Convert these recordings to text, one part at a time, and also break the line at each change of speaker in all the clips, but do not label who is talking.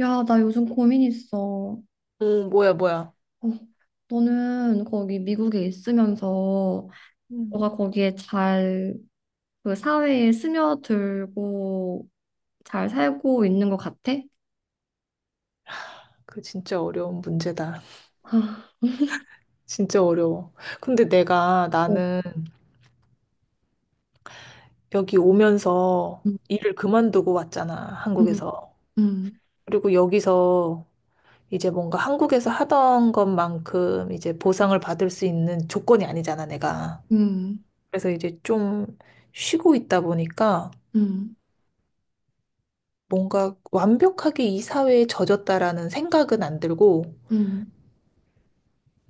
야, 나 요즘 고민 있어. 어,
어, 뭐야, 뭐야.
너는 거기 미국에 있으면서
음.
너가 거기에 잘 그 사회에 스며들고 잘 살고 있는 것 같아?
그 진짜 어려운 문제다.
아,
진짜 어려워. 근데 내가
어,
나는 여기 오면서
음,
일을 그만두고 왔잖아,
음,
한국에서.
음,
그리고 여기서 이제 뭔가 한국에서 하던 것만큼 이제 보상을 받을 수 있는 조건이 아니잖아, 내가.
음,
그래서 이제 좀 쉬고 있다 보니까
음,
뭔가 완벽하게 이 사회에 젖었다라는 생각은 안 들고
음.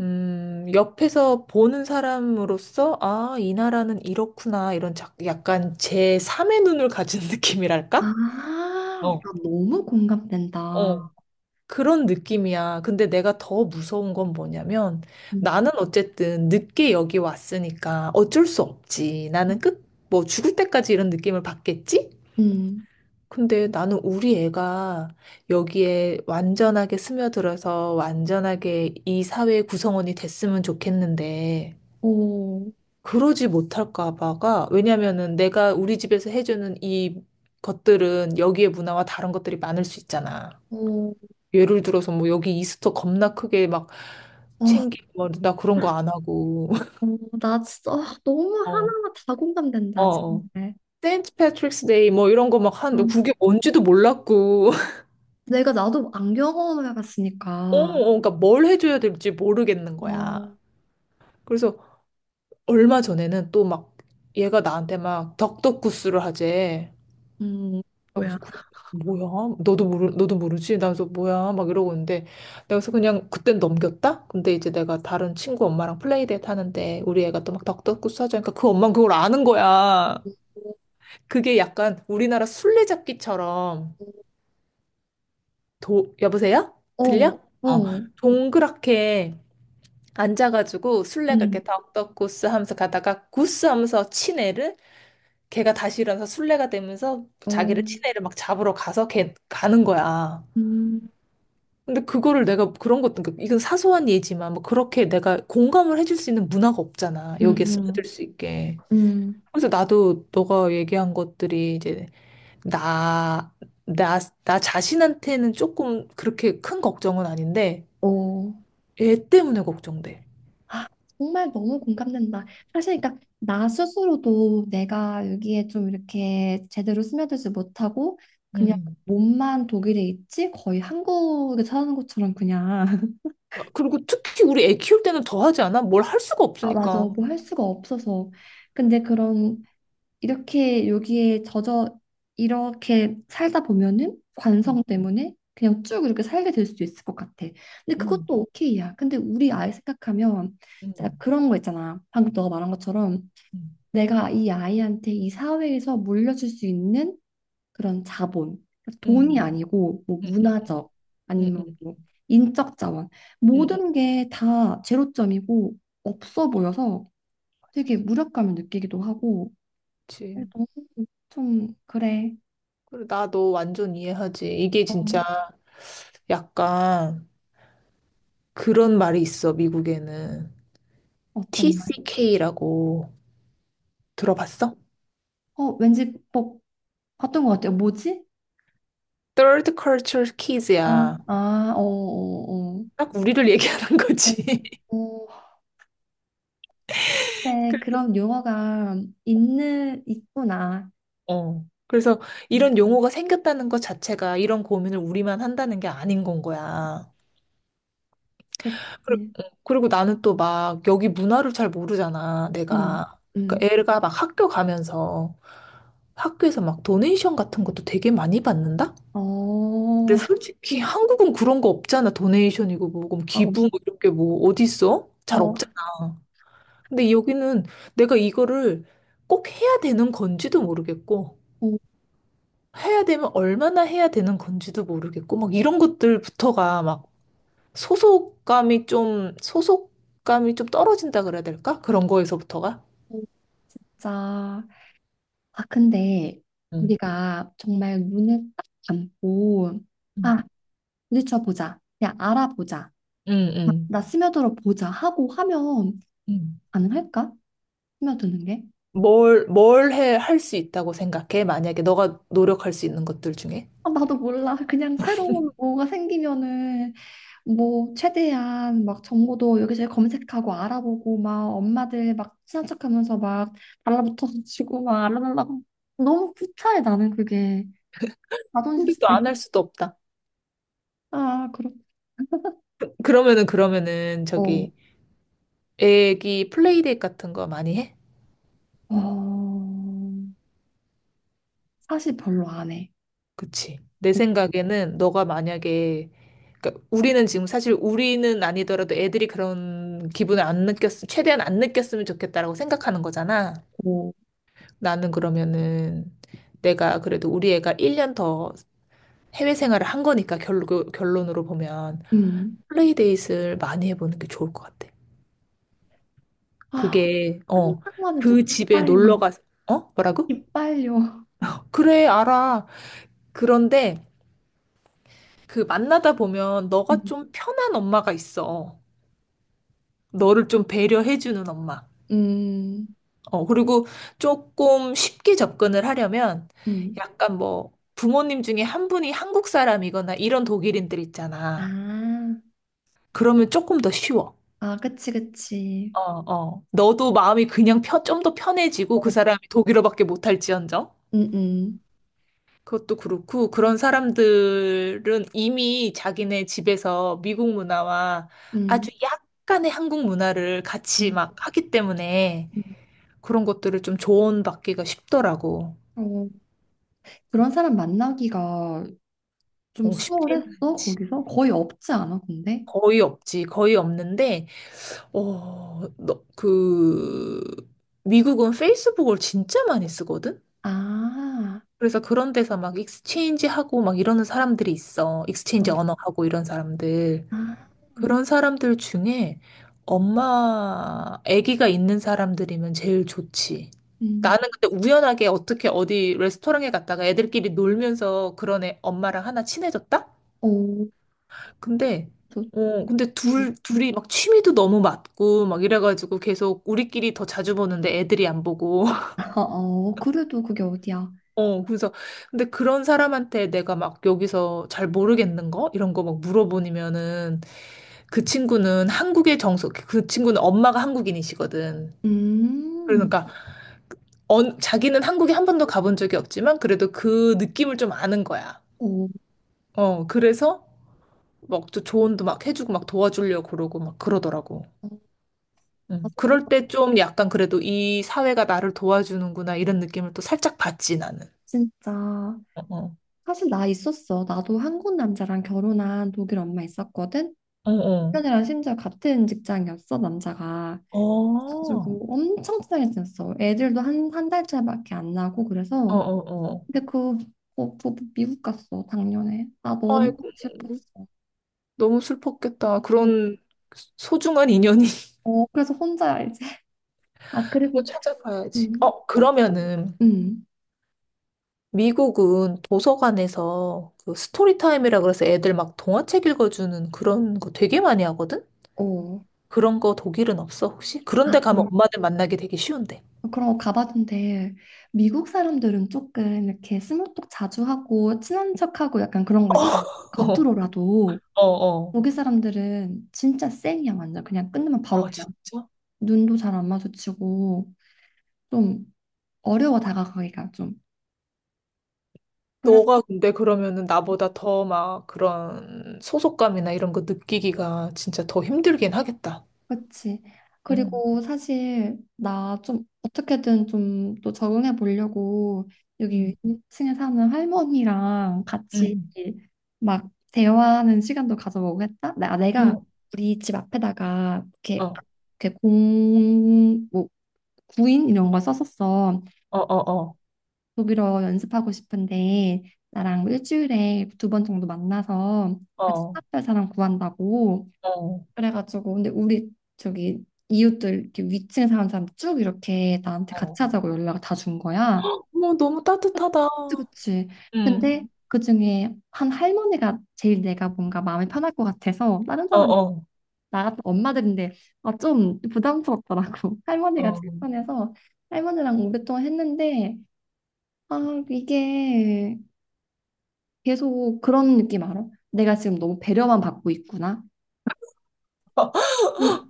옆에서 보는 사람으로서, 아, 이 나라는 이렇구나, 이런 약간 제3의 눈을 가진
아,
느낌이랄까? 어,
나 너무 공감된다.
어, 그런 느낌이야. 근데 내가 더 무서운 건 뭐냐면
음,
나는 어쨌든 늦게 여기 왔으니까 어쩔 수 없지. 나는 뭐 죽을 때까지 이런 느낌을 받겠지?
음.
근데 나는 우리 애가 여기에 완전하게 스며들어서 완전하게 이 사회의 구성원이 됐으면 좋겠는데
오,
그러지 못할까 봐가 왜냐면은 내가 우리 집에서 해주는 이 것들은 여기의 문화와 다른 것들이 많을 수 있잖아.
오,
예를 들어서 뭐 여기 이스터 겁나 크게 막
어,
챙기고 뭐나 그런 거 안 하고
어, 나 진짜 아, 너무
어,
하나하나 다
어,
공감된다,
어.
정말.
세인트 패트릭스 데이 뭐 이런 거 막
아.
하는데 그게 뭔지도 몰랐고
내가 나도 안
어,
경험해봤으니까.
어, 그러니까 뭘 해줘야 될지 모르겠는 거야.
어,
그래서 얼마 전에는 또 막 얘가 나한테 막 덕덕구스를 하재.
음, 뭐야.
그래서 뭐야? 너도 모르지? 나 그래서 뭐야? 막 이러고 있는데 내가 그래서 그냥 그땐 넘겼다. 근데 이제 내가 다른 친구 엄마랑 플레이데이트 하는데 우리 애가 또 막 덕덕구스 하자니까 그 엄마는 그걸 아는 거야. 그게 약간 우리나라 술래잡기처럼 도 여보세요?
어,
들려? 어
어,
동그랗게 앉아가지고 술래가
음,
이렇게 덕덕구스 하면서 가다가 구스 하면서 친 애를 걔가 다시 일어나서 술래가 되면서
어,
자기를 친 애를 막 잡으러 가서 걔 가는 거야.
음,
근데 그거를 내가 그런 것도 그러니까 이건 사소한 예지만 뭐 그렇게 내가 공감을 해줄 수 있는 문화가 없잖아. 여기에 스며들
음,
수 있게.
음,
그래서 나도 너가 얘기한 것들이 이제 나, 나, 나 자신한테는 조금 그렇게 큰 걱정은 아닌데
어.
얘 때문에 걱정돼.
아, 정말 너무 공감된다. 사실, 그러니까 나 스스로도 내가 여기에 좀 이렇게 제대로 스며들지 못하고 그냥
음.
몸만 독일에 있지 거의 한국에 사는 것처럼 그냥
그리고 특히 우리 애 키울 때는 더 하지 않아? 뭘 할 수가
아, 맞아.
없으니까.
뭐 할 수가 없어서. 근데 그런 이렇게 여기에 젖어 이렇게 살다 보면은 관성
음,
때문에 그냥 쭉 이렇게 살게 될 수도 있을 것 같아. 근데 그것도
음,
오케이야. 근데 우리 아이 생각하면
음,
진짜 그런 거 있잖아. 방금 너가 말한 것처럼 내가 이 아이한테 이 사회에서 물려줄 수 있는 그런 자본, 돈이
음,
아니고 뭐
음, 음, 음,
문화적
음,
아니면
음,
뭐 인적 자원
음, 음.
모든 게 다 제로점이고 없어
맞아.
보여서
맞아.
되게 무력감을 느끼기도 하고.
그치.
좀 그래.
그래, 나너 완전 이해하지. 이게
어,
진짜 음. 약간 그런 말이 있어, 미국에는.
어떤 말?
TCK라고 들어봤어?
어, 왠지 뭐 봤던 것 같아요. 뭐지?
Third Culture
아,
Kids야.
아, 어, 어,
딱 우리를 얘기하는
어.
거지.
어, 어, 네,
그래-
그런 용어가 있는 있구나.
어. 그래서
음,
이런 용어가 생겼다는 것 자체가 이런 고민을 우리만 한다는 게 아닌 건 거야.
그치?
어, 그리고 나는 또 막 여기 문화를 잘 모르잖아,
음,
내가.
음.
그러니까 애가 막 학교 가면서 학교에서 막 도네이션 같은 것도 되게 많이 받는다?
어,
근데 솔직히 한국은 그런 거 없잖아. 도네이션이고 뭐고 뭐
어,
기부 뭐 이런 게 뭐 어디 있어? 잘
어,
없잖아. 근데 여기는 내가 이거를 꼭 해야 되는 건지도 모르겠고
어,
해야 되면 얼마나 해야 되는 건지도 모르겠고 막 이런 것들부터가 막 소속감이 좀 떨어진다 그래야 될까? 그런 거에서부터가.
진짜. 아, 근데
응.
우리가 정말 눈을 딱 감고
응.
아, 부딪혀 보자. 그냥 알아보자.
응.
아,
응.
나 스며들어 보자 하고 하면
응.
가능할까? 스며드는 게?
뭘 할 수 있다고 생각해? 만약에 너가 노력할 수 있는 것들 중에.
아, 나도 몰라. 그냥 새로운 뭐가 생기면은 뭐 최대한 막 정보도 여기저기 검색하고 알아보고 막 엄마들 막 친한 척하면서 막 달라붙어가지고 막 알아달라고 너무 구차해 나는 그게 자존심
근데 또
상해.
안 할 수도 없다.
아, 그렇고
그러면은
어,
저기 애기 플레이데이 같은 거 많이 해?
어, 사실 별로 안 해.
그치. 내 생각에는 너가 만약에 그러니까 우리는 지금 사실 우리는 아니더라도 애들이 그런 기분을 안 느꼈, 최대한 안 느꼈으면 좋겠다라고 생각하는 거잖아.
그리고
나는 그러면은 내가 그래도 우리 애가 1년 더 해외 생활을 한 거니까 결론으로 보면
음.
플레이데이를 많이 해보는 게 좋을 것 같아.
아,
그게, 어,
생각만 해도
그 집에 놀러
기빨려.
가서, 어? 뭐라고?
기빨려.
그래, 알아. 그런데 그 만나다 보면 너가
음.
좀 편한 엄마가 있어. 너를 좀 배려해주는 엄마.
음.
어, 그리고 조금 쉽게 접근을 하려면
음.
약간 뭐 부모님 중에 한 분이 한국 사람이거나 이런 독일인들 있잖아.
아,
그러면 조금 더 쉬워.
아, 그치, 그치.
어, 어. 너도 마음이 그냥 좀 더 편해지고 그
응
사람이 독일어밖에 못할지언정.
응
그것도 그렇고, 그런 사람들은 이미 자기네 집에서 미국 문화와
응
아주 약간의 한국 문화를 같이
응
막 하기 때문에 그런 것들을 좀 조언받기가 쉽더라고.
어, 그런 사람 만나기가 좀
어, 쉽지는
수월했어,
않지.
거기서? 거의 없지 않아, 근데?
거의 없지. 거의 없는데, 어, 너, 그, 미국은 페이스북을 진짜 많이 쓰거든?
아,
그래서 그런 데서 막 익스체인지 하고 막 이러는 사람들이 있어. 익스체인지
어,
언어 하고 이런 사람들.
아,
그런 사람들 중에 엄마, 아기가 있는 사람들이면 제일 좋지.
음,
나는 근데 우연하게 어떻게 어디 레스토랑에 갔다가 애들끼리 놀면서 그런 애 엄마랑 하나 친해졌다?
오,
근데,
좋지.
근데 둘이 막 취미도 너무 맞고 막 이래가지고 계속 우리끼리 더 자주 보는데 애들이 안 보고.
어, 어, 그래도 그게 어디야?
어, 그래서 근데 그런 사람한테 내가 막 여기서 잘 모르겠는 거? 이런 거 막 물어보면은 그 친구는 엄마가 한국인이시거든.
음,
그러니까 자기는 한국에 한 번도 가본 적이 없지만 그래도 그 느낌을 좀 아는 거야.
오,
어, 그래서 막 조언도 막 해주고 막 도와주려고 그러고 막 그러더라고.
어,
응.
나도 그
그럴 때 좀 약간 그래도 이 사회가 나를 도와주는구나 이런 느낌을 또 살짝 받지 나는.
진짜.
어,
사실 나 있었어. 나도 한국 남자랑 결혼한 독일 엄마 있었거든?
어, 어,
남편이랑 심지어 같은 직장이었어, 남자가.
어, 어,
가지고 엄청 친하게 지냈어. 애들도 한, 한 달 차이밖에 안 나고
어,
그래서
어.
근데 그 부부 미국 갔어 작년에. 나
어.
너무
아이고,
슬펐
너무 슬펐겠다.
어 어,
그런 소중한 인연이.
어, 그래서 혼자야 이제. 아,
또
그리고
찾아봐야지. 어,
어,
그러면은
음,
미국은 도서관에서 그 스토리 타임이라 그래서 애들 막 동화책 읽어주는 그런 거 되게 많이 하거든?
어.
그런 거 독일은 없어, 혹시? 그런데
아,
가면
그럼
엄마들 만나기 되게 쉬운데.
그런 거 가봤는데 미국 사람들은 조금 이렇게 스몰톡 자주 하고 친한 척하고 약간 그런 거 있잖아.
어,
겉으로라도
어, 어.
거기 사람들은 진짜 쌩이야 완전 그냥 끝나면 바로
아,
그냥
진짜?
눈도 잘 안 마주치고 좀 어려워 다가가기가 좀 그래서
너가 근데 그러면은 나보다 더 막 그런 소속감이나 이런 거 느끼기가 진짜 더 힘들긴 하겠다.
그치
응,
그리고 사실 나 좀 어떻게든 좀 또 적응해 보려고 여기
응,
2층에 사는 할머니랑 같이
응.
막 대화하는 시간도 가져보고 했다 나 아, 내가
어,
우리 집 앞에다가 이렇게
어,
이렇게 공뭐 구인 이런 걸 썼었어
어, 어,
독일어 연습하고 싶은데 나랑 일주일에 두 번 정도 만나서 같이
어,
수업할 사람 구한다고
어,
그래가지고 근데 우리 저기 이웃들 이렇게 위층에 사는 사람 쭉 이렇게 나한테
어.
같이 하자고 연락을 다 준 거야.
어머, 너무 따뜻하다.
그치, 그치.
응
근데 그중에 한 할머니가 제일 내가 뭔가 마음이 편할 것 같아서 다른
어,
사람
어,
나 같은 엄마들인데 아, 좀 부담스럽더라고. 할머니가
어.
제일 편해서 할머니랑 오랫동안 했는데 아, 이게 계속 그런 느낌 알아? 내가 지금 너무 배려만 받고 있구나. 그-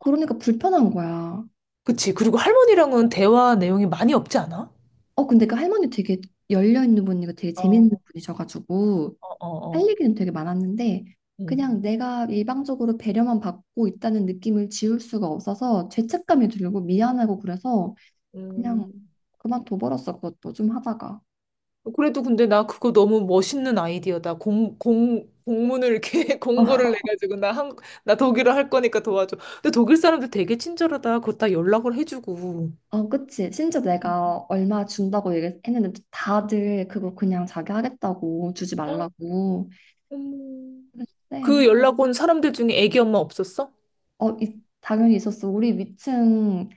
그러니까 불편한 거야.
그치. 그리고 할머니랑은 대화 내용이 많이 없지 않아?
어, 근데 그 할머니 되게 열려있는 분이고 되게
어,
재밌는 분이셔가지고
어,
할
어.
얘기는 되게 많았는데
음.
그냥 내가 일방적으로 배려만 받고 있다는 느낌을 지울 수가 없어서 죄책감이 들고 미안하고 그래서 그냥
음.
그만둬버렸어 그것도 좀 하다가
그래도 근데 나 그거 너무 멋있는 아이디어다. 공문을 이렇게
어,
공고를 내가지고 나 독일어 할 거니까 도와줘. 근데 독일 사람들 되게 친절하다. 그거 다 연락을 해주고.
어, 그치 심지어 내가 얼마 준다고 얘기했는데 다들 그거 그냥 자기 하겠다고 주지
어,
말라고
음. 그
그랬는데
연락 온 사람들 중에 애기 엄마 없었어?
어, 당연히 있었어 우리 위층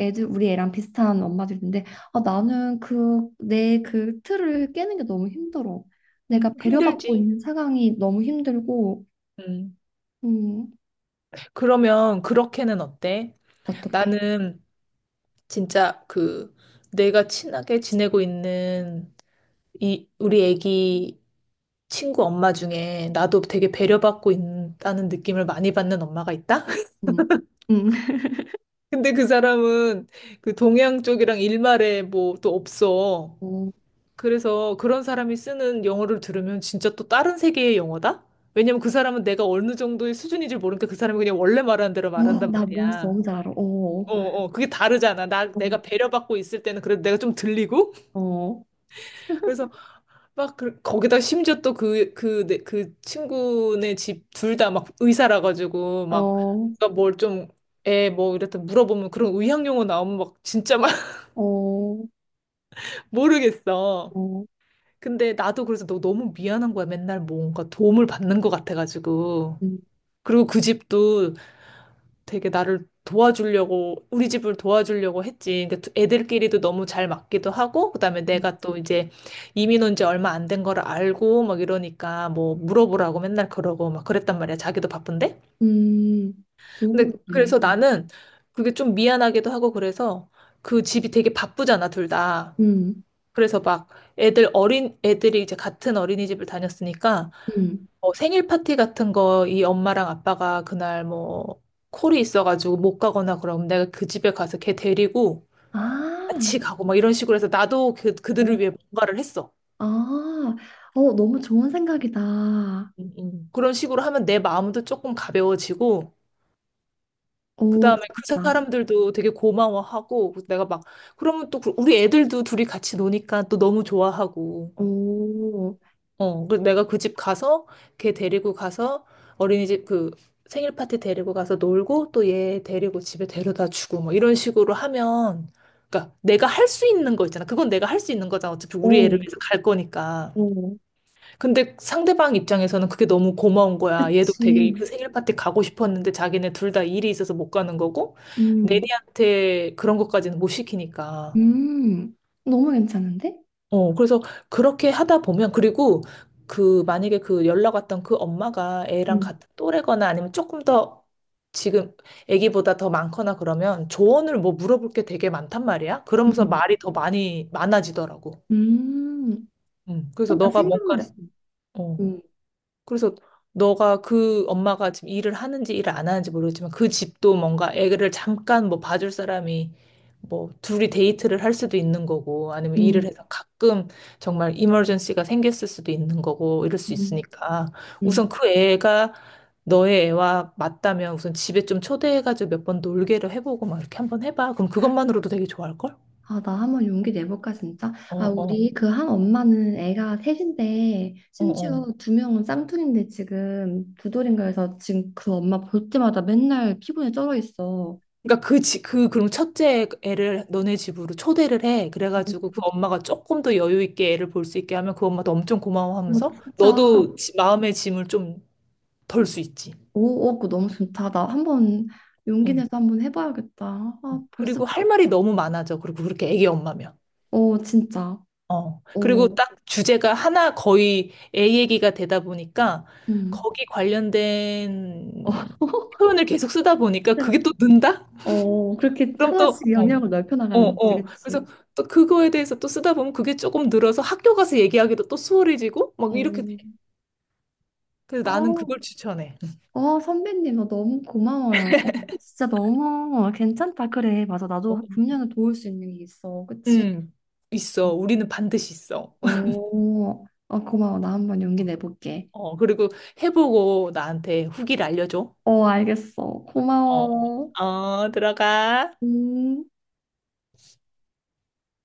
애들 우리 애랑 비슷한 엄마들 있는데 아, 나는 그 내 그 틀을 깨는 게 너무 힘들어. 내가
음.
배려받고
힘들지.
있는 상황이 너무 힘들고
음.
음
그러면 그렇게는 어때?
어떡해?
나는 진짜 그 내가 친하게 지내고 있는 이 우리 애기 친구 엄마 중에 나도 되게 배려받고 있다는 느낌을 많이 받는 엄마가 있다?
음. 음.
근데 그 사람은 그 동양 쪽이랑 일말에 뭐 또 없어.
어,
그래서 그런 사람이 쓰는 영어를 들으면 진짜 또 다른 세계의 영어다? 왜냐면 그 사람은 내가 어느 정도의 수준인지 모르니까 그 사람이 그냥 원래 말하는 대로
어,
말한단
나 뭔지
말이야.
너무 잘 알아. 어,
어, 어, 그게 다르잖아.
어,
내가 배려받고 있을 때는 그래도 내가 좀 들리고,
어,
그래서 막 거기다 심지어 또 그 친구네 집 둘 다 막 의사라 가지고 막
어,
뭘 좀 애 뭐 이랬다 물어보면 그런 의학 용어 나오면 막 진짜 막
어,
모르겠어.
어,
근데 나도 그래서 너 너무 미안한 거야. 맨날 뭔가 도움을 받는 것 같아가지고.
음,
그리고 그 집도 되게 나를 도와주려고 우리 집을 도와주려고 했지. 근데 애들끼리도 너무 잘 맞기도 하고 그다음에
음,
내가 또 이제 이민 온지 얼마 안 된 거를 알고 막 이러니까 뭐 물어보라고 맨날 그러고 막 그랬단 말이야. 자기도 바쁜데.
음. 좋은
근데
문제네.
그래서 나는 그게 좀 미안하기도 하고 그래서 그 집이 되게 바쁘잖아, 둘 다.
음,
그래서 막 애들 어린 애들이 이제 같은 어린이집을 다녔으니까
음.
뭐 생일 파티 같은 거 이 엄마랑 아빠가 그날 뭐 콜이 있어가지고 못 가거나 그럼 내가 그 집에 가서 걔 데리고
아,
같이 가고 막 이런 식으로 해서 나도 그,
어,
그들을 위해 뭔가를 했어.
아, 어, 너무 좋은 생각이다.
그런 식으로 하면 내 마음도 조금 가벼워지고
오,
그다음에 그
진짜.
사람들도 되게 고마워하고 내가 막 그러면 또 우리 애들도 둘이 같이 노니까 또 너무 좋아하고
오.
어, 그 내가 그 집 가서 걔 데리고 가서 어린이집 그 생일 파티 데리고 가서 놀고 또 얘 데리고 집에 데려다 주고 뭐 이런 식으로 하면 그러니까 내가 할 수 있는 거 있잖아. 그건 내가 할 수 있는 거잖아. 어차피 우리 애를
오,
위해서 갈 거니까.
오.
근데 상대방 입장에서는 그게 너무 고마운 거야. 얘도 되게
그치.
그 생일 파티 가고 싶었는데 자기네 둘 다 일이 있어서 못 가는 거고
음,
내니한테 그런 것까지는 못 시키니까.
음. 너무 괜찮은데?
어, 그래서 그렇게 하다 보면, 그리고 그, 만약에 그 연락 왔던 그 엄마가 애랑
음,
같은 또래거나 아니면 조금 더 지금 애기보다 더 많거나 그러면 조언을 뭐 물어볼 게 되게 많단 말이야. 그러면서
음.
말이 더 많아지더라고.
음, 음. 어,
그래서
나
너가
생각났어.
뭔가를, 어.
음,
그래서 너가 그 엄마가 지금 일을 하는지 일을 안 하는지 모르겠지만 그 집도 뭔가 애를 잠깐 뭐 봐줄 사람이 뭐 둘이 데이트를 할 수도 있는 거고 아니면 일을
음.
해서 가끔 정말 이머전시가 생겼을 수도 있는 거고 이럴
음,
수
음,
있으니까
음.
우선 그 애가 너의 애와 맞다면 우선 집에 좀 초대해가지고 몇 번 놀게를 해보고 막 이렇게 한번 해봐. 그럼 그것만으로도 되게 좋아할걸?
아, 나 한번 용기 내볼까, 진짜?
어,
아,
어,
우리 그 한 엄마는 애가 셋인데,
어,
심지어
어.
두 명은 쌍둥이인데 지금 두 돌인가 해서 지금 그 엄마 볼 때마다 맨날 피곤에 쩔어 있어.
그러니까 그 지, 그 그럼 첫째 애를 너네 집으로 초대를 해. 그래가지고 그 엄마가 조금 더 여유 있게 애를 볼 수 있게 하면 그 엄마도 엄청
어,
고마워하면서
진짜.
너도 마음의 짐을 좀 덜 수 있지.
오, 오, 그거 너무 좋다. 나 한번 용기
응.
내서 한번 해봐야겠다. 아,
응. 그리고 할
벌써부터
말이 너무 많아져. 그리고 그렇게 애기 엄마면.
어, 진짜.
어. 그리고
어,
딱 주제가 하나 거의 애 얘기가 되다 보니까
음.
거기
어,
관련된 표현을 계속 쓰다 보니까 그게 또 는다?
어, 그렇게
그럼 또,
하나씩
어,
영역을 넓혀
어,
나가는 거지,
어.
그치?
그래서 또 그거에 대해서 또 쓰다 보면 그게 조금 늘어서 학교 가서 얘기하기도 또 수월해지고 막
어,
이렇게 돼. 그래서 나는
어,
그걸 추천해.
어, 선배님, 너 너무 고마워요. 어, 진짜 너무 괜찮다. 그래, 맞아.
어,
나도 분명히 도울 수 있는 게 있어. 그치?
음, 있어. 우리는 반드시 있어.
어, 어, 고마워. 나 한번 용기 내볼게.
어, 그리고 해보고 나한테 후기를 알려줘.
어, 알겠어.
어,
고마워.
어, 들어가.
음.